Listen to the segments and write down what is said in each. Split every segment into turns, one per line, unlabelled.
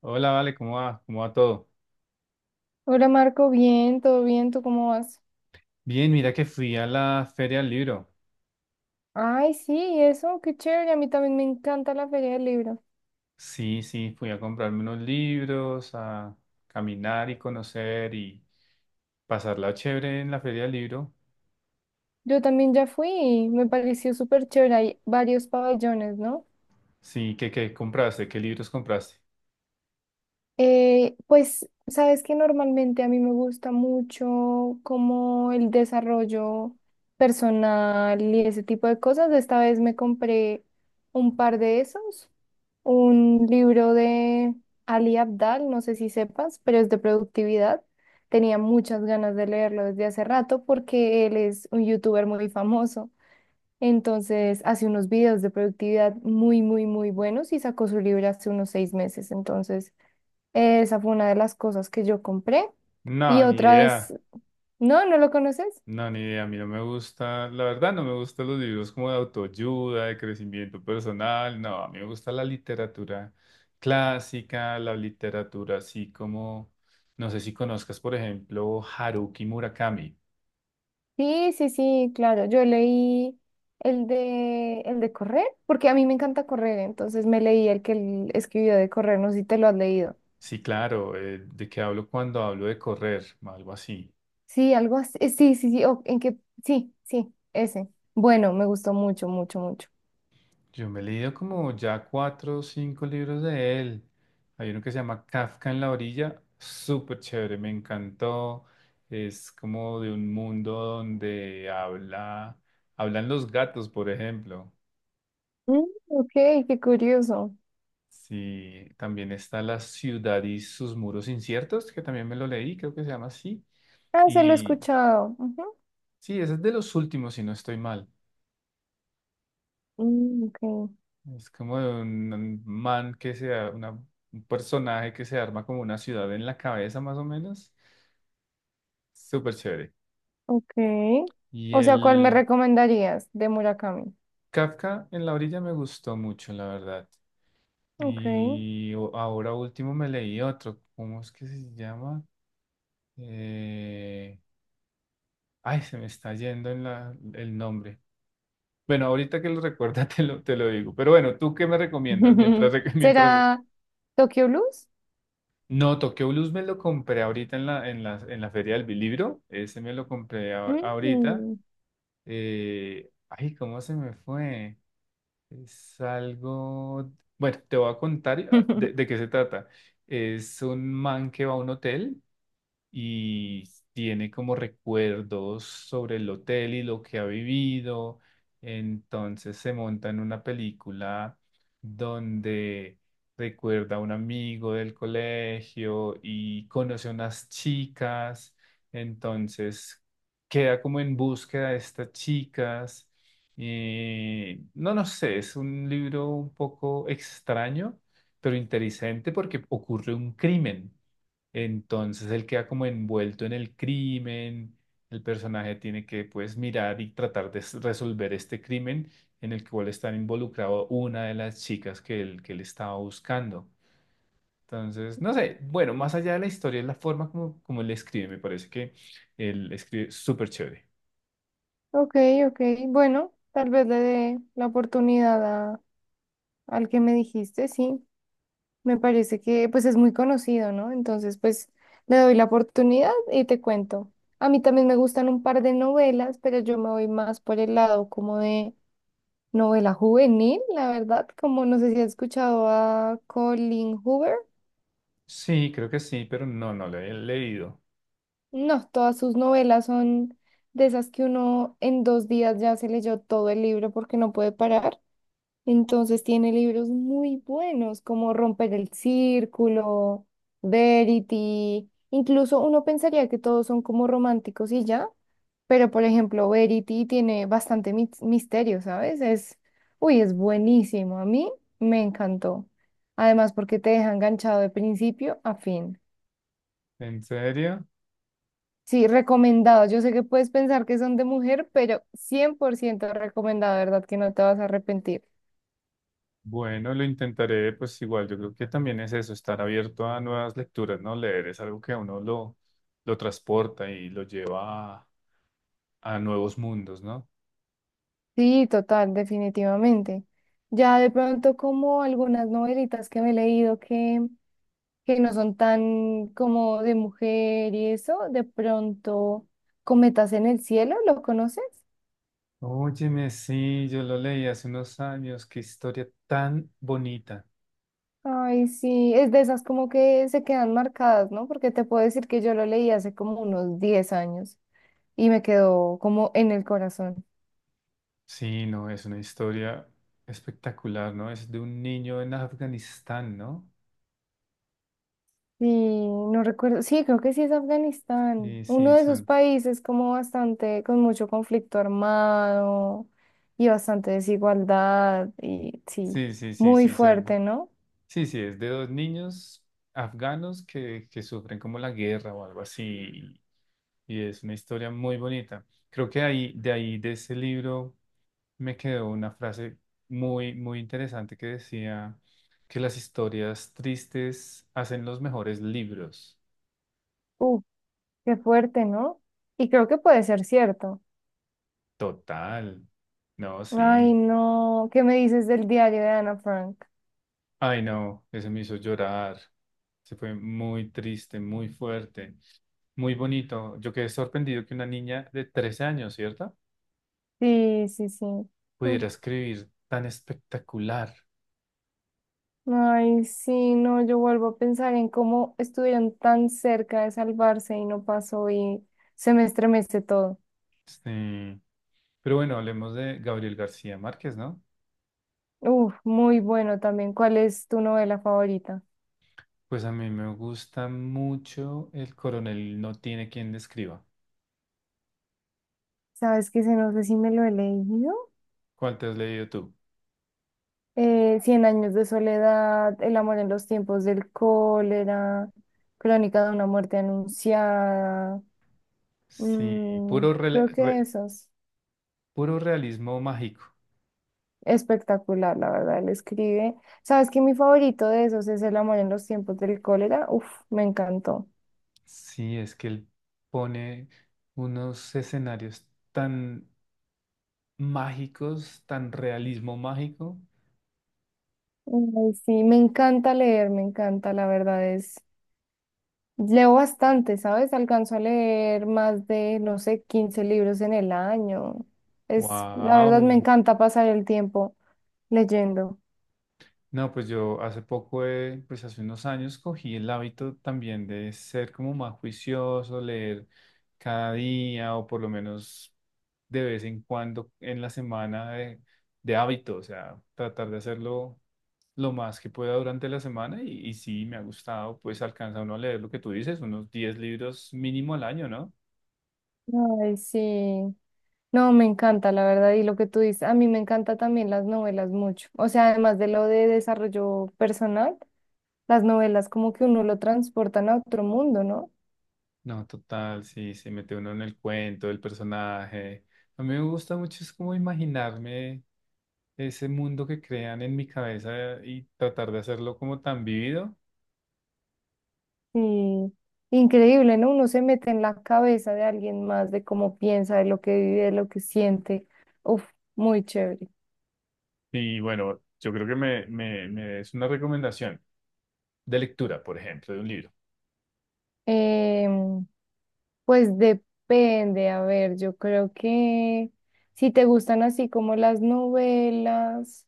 Hola, Vale, ¿cómo va? ¿Cómo va todo?
Hola Marco, bien, todo bien, ¿tú cómo vas?
Bien, mira que fui a la feria del libro.
Ay, sí, eso, qué chévere, a mí también me encanta la Feria del Libro.
Sí, sí, fui a comprarme unos libros, a caminar y conocer y pasarla chévere en la feria del libro.
Yo también ya fui y me pareció súper chévere, hay varios pabellones, ¿no?
Sí, ¿qué compraste? ¿Qué libros compraste?
Pues, sabes que normalmente a mí me gusta mucho como el desarrollo personal y ese tipo de cosas. Esta vez me compré un par de esos un libro de Ali Abdal, no sé si sepas, pero es de productividad. Tenía muchas ganas de leerlo desde hace rato porque él es un youtuber muy famoso. Entonces hace unos videos de productividad muy, muy, muy buenos y sacó su libro hace unos 6 meses. Entonces esa fue una de las cosas que yo compré.
No,
Y
ni idea.
otras, no, ¿no lo conoces?
No, ni idea, a mí no me gusta, la verdad no me gustan los libros como de autoayuda, de crecimiento personal, no, a mí me gusta la literatura clásica, la literatura así como, no sé si conozcas, por ejemplo, Haruki Murakami.
Sí, sí, sí, claro. Yo leí el de correr, porque a mí me encanta correr, entonces me leí el que él escribió de correr, no sé si te lo has leído.
Sí, claro, ¿de qué hablo cuando hablo de correr? Algo así.
Sí, algo así. Sí, sí, sí, sí, sí, ese. Bueno, me gustó mucho, mucho, mucho.
Yo me he leído como ya cuatro o cinco libros de él. Hay uno que se llama Kafka en la orilla, súper chévere, me encantó. Es como de un mundo donde habla, hablan los gatos, por ejemplo.
Mm, ok, qué curioso.
Sí, también está La ciudad y sus muros inciertos, que también me lo leí, creo que se llama así.
Ah, se lo he
Y
escuchado. Ujú.
sí, ese es de los últimos, si no estoy mal.
Mm, ok,
Es como de un man que sea una, un personaje que se arma como una ciudad en la cabeza, más o menos. Súper chévere.
ok.
Y
O sea, ¿cuál me
el
recomendarías de Murakami?
Kafka en la orilla me gustó mucho, la verdad.
Ok.
Y ahora último me leí otro. ¿Cómo es que se llama? Eh, Ay, se me está yendo en el nombre. Bueno, ahorita que lo recuerda te lo digo. Pero bueno, ¿tú qué me recomiendas? Mientras, mientras...
¿Será Tokyo Blues?
No, Tokyo Blues me lo compré ahorita en la feria del libro. Ese me lo compré ahorita.
Mm.
Ay, ¿cómo se me fue? Es algo, bueno, te voy a contar de qué se trata. Es un man que va a un hotel y tiene como recuerdos sobre el hotel y lo que ha vivido. Entonces se monta en una película donde recuerda a un amigo del colegio y conoce a unas chicas. Entonces queda como en búsqueda de estas chicas. No, no sé, es un libro un poco extraño, pero interesante porque ocurre un crimen. Entonces él queda como envuelto en el crimen, el personaje tiene que pues mirar y tratar de resolver este crimen en el cual está involucrado una de las chicas que él estaba buscando. Entonces, no sé, bueno, más allá de la historia, es la forma como, como él escribe, me parece que él escribe súper chévere.
Ok, ok. Bueno, tal vez le dé la oportunidad a- al que me dijiste, sí. Me parece que pues es muy conocido, ¿no? Entonces, pues le doy la oportunidad y te cuento. A mí también me gustan un par de novelas, pero yo me voy más por el lado como de novela juvenil, la verdad, como no sé si has escuchado a Colin Hoover.
Sí, creo que sí, pero no, no lo he leído.
No, todas sus novelas son de esas que uno en 2 días ya se leyó todo el libro porque no puede parar. Entonces tiene libros muy buenos como Romper el Círculo, Verity. Incluso uno pensaría que todos son como románticos y ya, pero por ejemplo, Verity tiene bastante misterio, ¿sabes? Es, uy, es buenísimo. A mí me encantó. Además, porque te deja enganchado de principio a fin.
¿En serio?
Sí, recomendado. Yo sé que puedes pensar que son de mujer, pero 100% recomendado, ¿verdad? Que no te vas a arrepentir.
Bueno, lo intentaré, pues igual, yo creo que también es eso, estar abierto a nuevas lecturas, ¿no? Leer es algo que a uno lo transporta y lo lleva a nuevos mundos, ¿no?
Sí, total, definitivamente. Ya de pronto como algunas novelitas que me he leído que no son tan como de mujer y eso, de pronto Cometas en el cielo, ¿lo conoces?
Óyeme, sí, yo lo leí hace unos años, qué historia tan bonita.
Ay, sí, es de esas como que se quedan marcadas, ¿no? Porque te puedo decir que yo lo leí hace como unos 10 años y me quedó como en el corazón.
Sí, no, es una historia espectacular, ¿no? Es de un niño en Afganistán, ¿no?
Sí, no recuerdo. Sí, creo que sí es Afganistán.
Sí,
Uno
sí,
de esos
son,
países como bastante, con mucho conflicto armado y bastante desigualdad y sí,
sí, sí, sí,
muy
sí, son,
fuerte, ¿no?
sí, sí, es de dos niños afganos que sufren como la guerra o algo así y es una historia muy bonita. Creo que ahí, de ese libro, me quedó una frase muy, muy interesante que decía que las historias tristes hacen los mejores libros.
Uh, qué fuerte, ¿no? Y creo que puede ser cierto.
Total. No,
Ay,
sí.
no. ¿Qué me dices del diario de Ana Frank?
Ay, no, ese me hizo llorar. Se fue muy triste, muy fuerte, muy bonito. Yo quedé sorprendido que una niña de 13 años, ¿cierto?
Sí, sí, sí. Mm.
Pudiera escribir tan espectacular.
Ay, sí, no, yo vuelvo a pensar en cómo estuvieron tan cerca de salvarse y no pasó y se me estremece todo.
Sí. Pero bueno, hablemos de Gabriel García Márquez, ¿no?
Uf, muy bueno también. ¿Cuál es tu novela favorita?
Pues a mí me gusta mucho El coronel no tiene quien describa.
Sabes que se no sé si me lo he leído.
¿Cuál te has leído tú?
Cien años de soledad, El amor en los tiempos del cólera, Crónica de una muerte anunciada.
Sí,
mm,
puro, rela-
Creo que
re-
esos.
puro realismo mágico.
Espectacular, la verdad, él escribe. Sabes que mi favorito de esos es El amor en los tiempos del cólera. Uf, me encantó.
Sí, es que él pone unos escenarios tan mágicos, tan realismo mágico.
Ay, sí, me encanta leer, me encanta, la verdad es. Leo bastante, ¿sabes? Alcanzo a leer más de, no sé, 15 libros en el año. Es, la verdad, me
¡Wow!
encanta pasar el tiempo leyendo.
No, pues yo hace poco, pues hace unos años cogí el hábito también de ser como más juicioso, leer cada día o por lo menos de vez en cuando en la semana de hábito, o sea, tratar de hacerlo lo más que pueda durante la semana y sí, me ha gustado, pues alcanza uno a leer lo que tú dices, unos 10 libros mínimo al año, ¿no?
Ay, sí. No, me encanta, la verdad, y lo que tú dices, a mí me encanta también las novelas mucho. O sea, además de lo de desarrollo personal, las novelas como que uno lo transportan a otro mundo, ¿no?
No, total, sí, se mete uno en el cuento, el personaje. A mí me gusta mucho, es como imaginarme ese mundo que crean en mi cabeza y tratar de hacerlo como tan vivido.
Sí. Increíble, ¿no? Uno se mete en la cabeza de alguien más, de cómo piensa, de lo que vive, de lo que siente. Uf, muy chévere.
Y bueno, yo creo que me des una recomendación de lectura, por ejemplo, de un libro.
Em, pues depende, a ver, yo creo que si te gustan así como las novelas,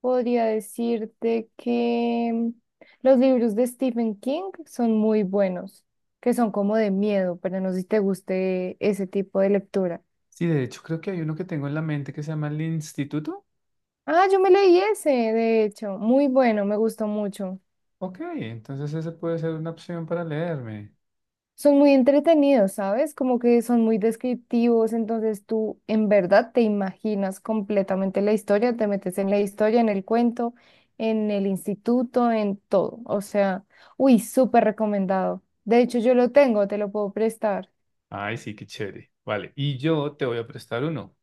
podría decirte que los libros de Stephen King son muy buenos, que son como de miedo, pero no sé si te guste ese tipo de lectura.
Sí, de hecho creo que hay uno que tengo en la mente que se llama El Instituto.
Ah, yo me leí ese, de hecho, muy bueno, me gustó mucho.
Ok, entonces ese puede ser una opción para leerme.
Son muy entretenidos, ¿sabes? Como que son muy descriptivos, entonces tú en verdad te imaginas completamente la historia, te metes en la historia, en el cuento, en el instituto, en todo. O sea, uy, súper recomendado. De hecho, yo lo tengo, te lo puedo prestar.
Ay, sí, qué chévere. Vale, y yo te voy a prestar uno.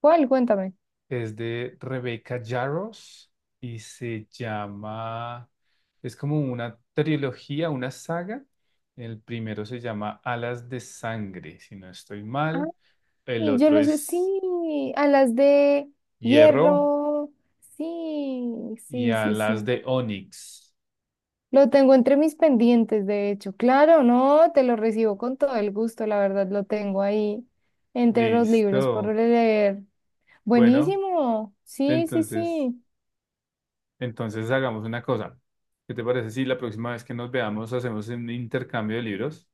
¿Cuál? Cuéntame.
Es de Rebecca Yarros y se llama, es como una trilogía, una saga. El primero se llama Alas de Sangre, si no estoy mal. El
Ay, yo
otro
lo sé,
es
sí, a las de
Hierro
hierro. Sí,
y
sí, sí,
Alas
sí.
de Onix.
Lo tengo entre mis pendientes, de hecho. Claro, no, te lo recibo con todo el gusto, la verdad, lo tengo ahí entre los libros por
Listo.
leer.
Bueno,
Buenísimo. Sí, sí,
entonces,
sí.
entonces hagamos una cosa. ¿Qué te parece si la próxima vez que nos veamos hacemos un intercambio de libros?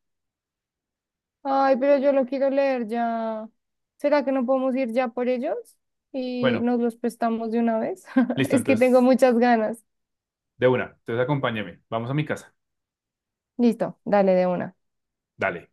Ay, pero yo lo quiero leer ya. ¿Será que no podemos ir ya por ellos? Y
Bueno,
nos los prestamos de una vez.
listo,
Es que tengo
entonces,
muchas ganas.
de una. Entonces acompáñame. Vamos a mi casa.
Listo, dale de una.
Dale.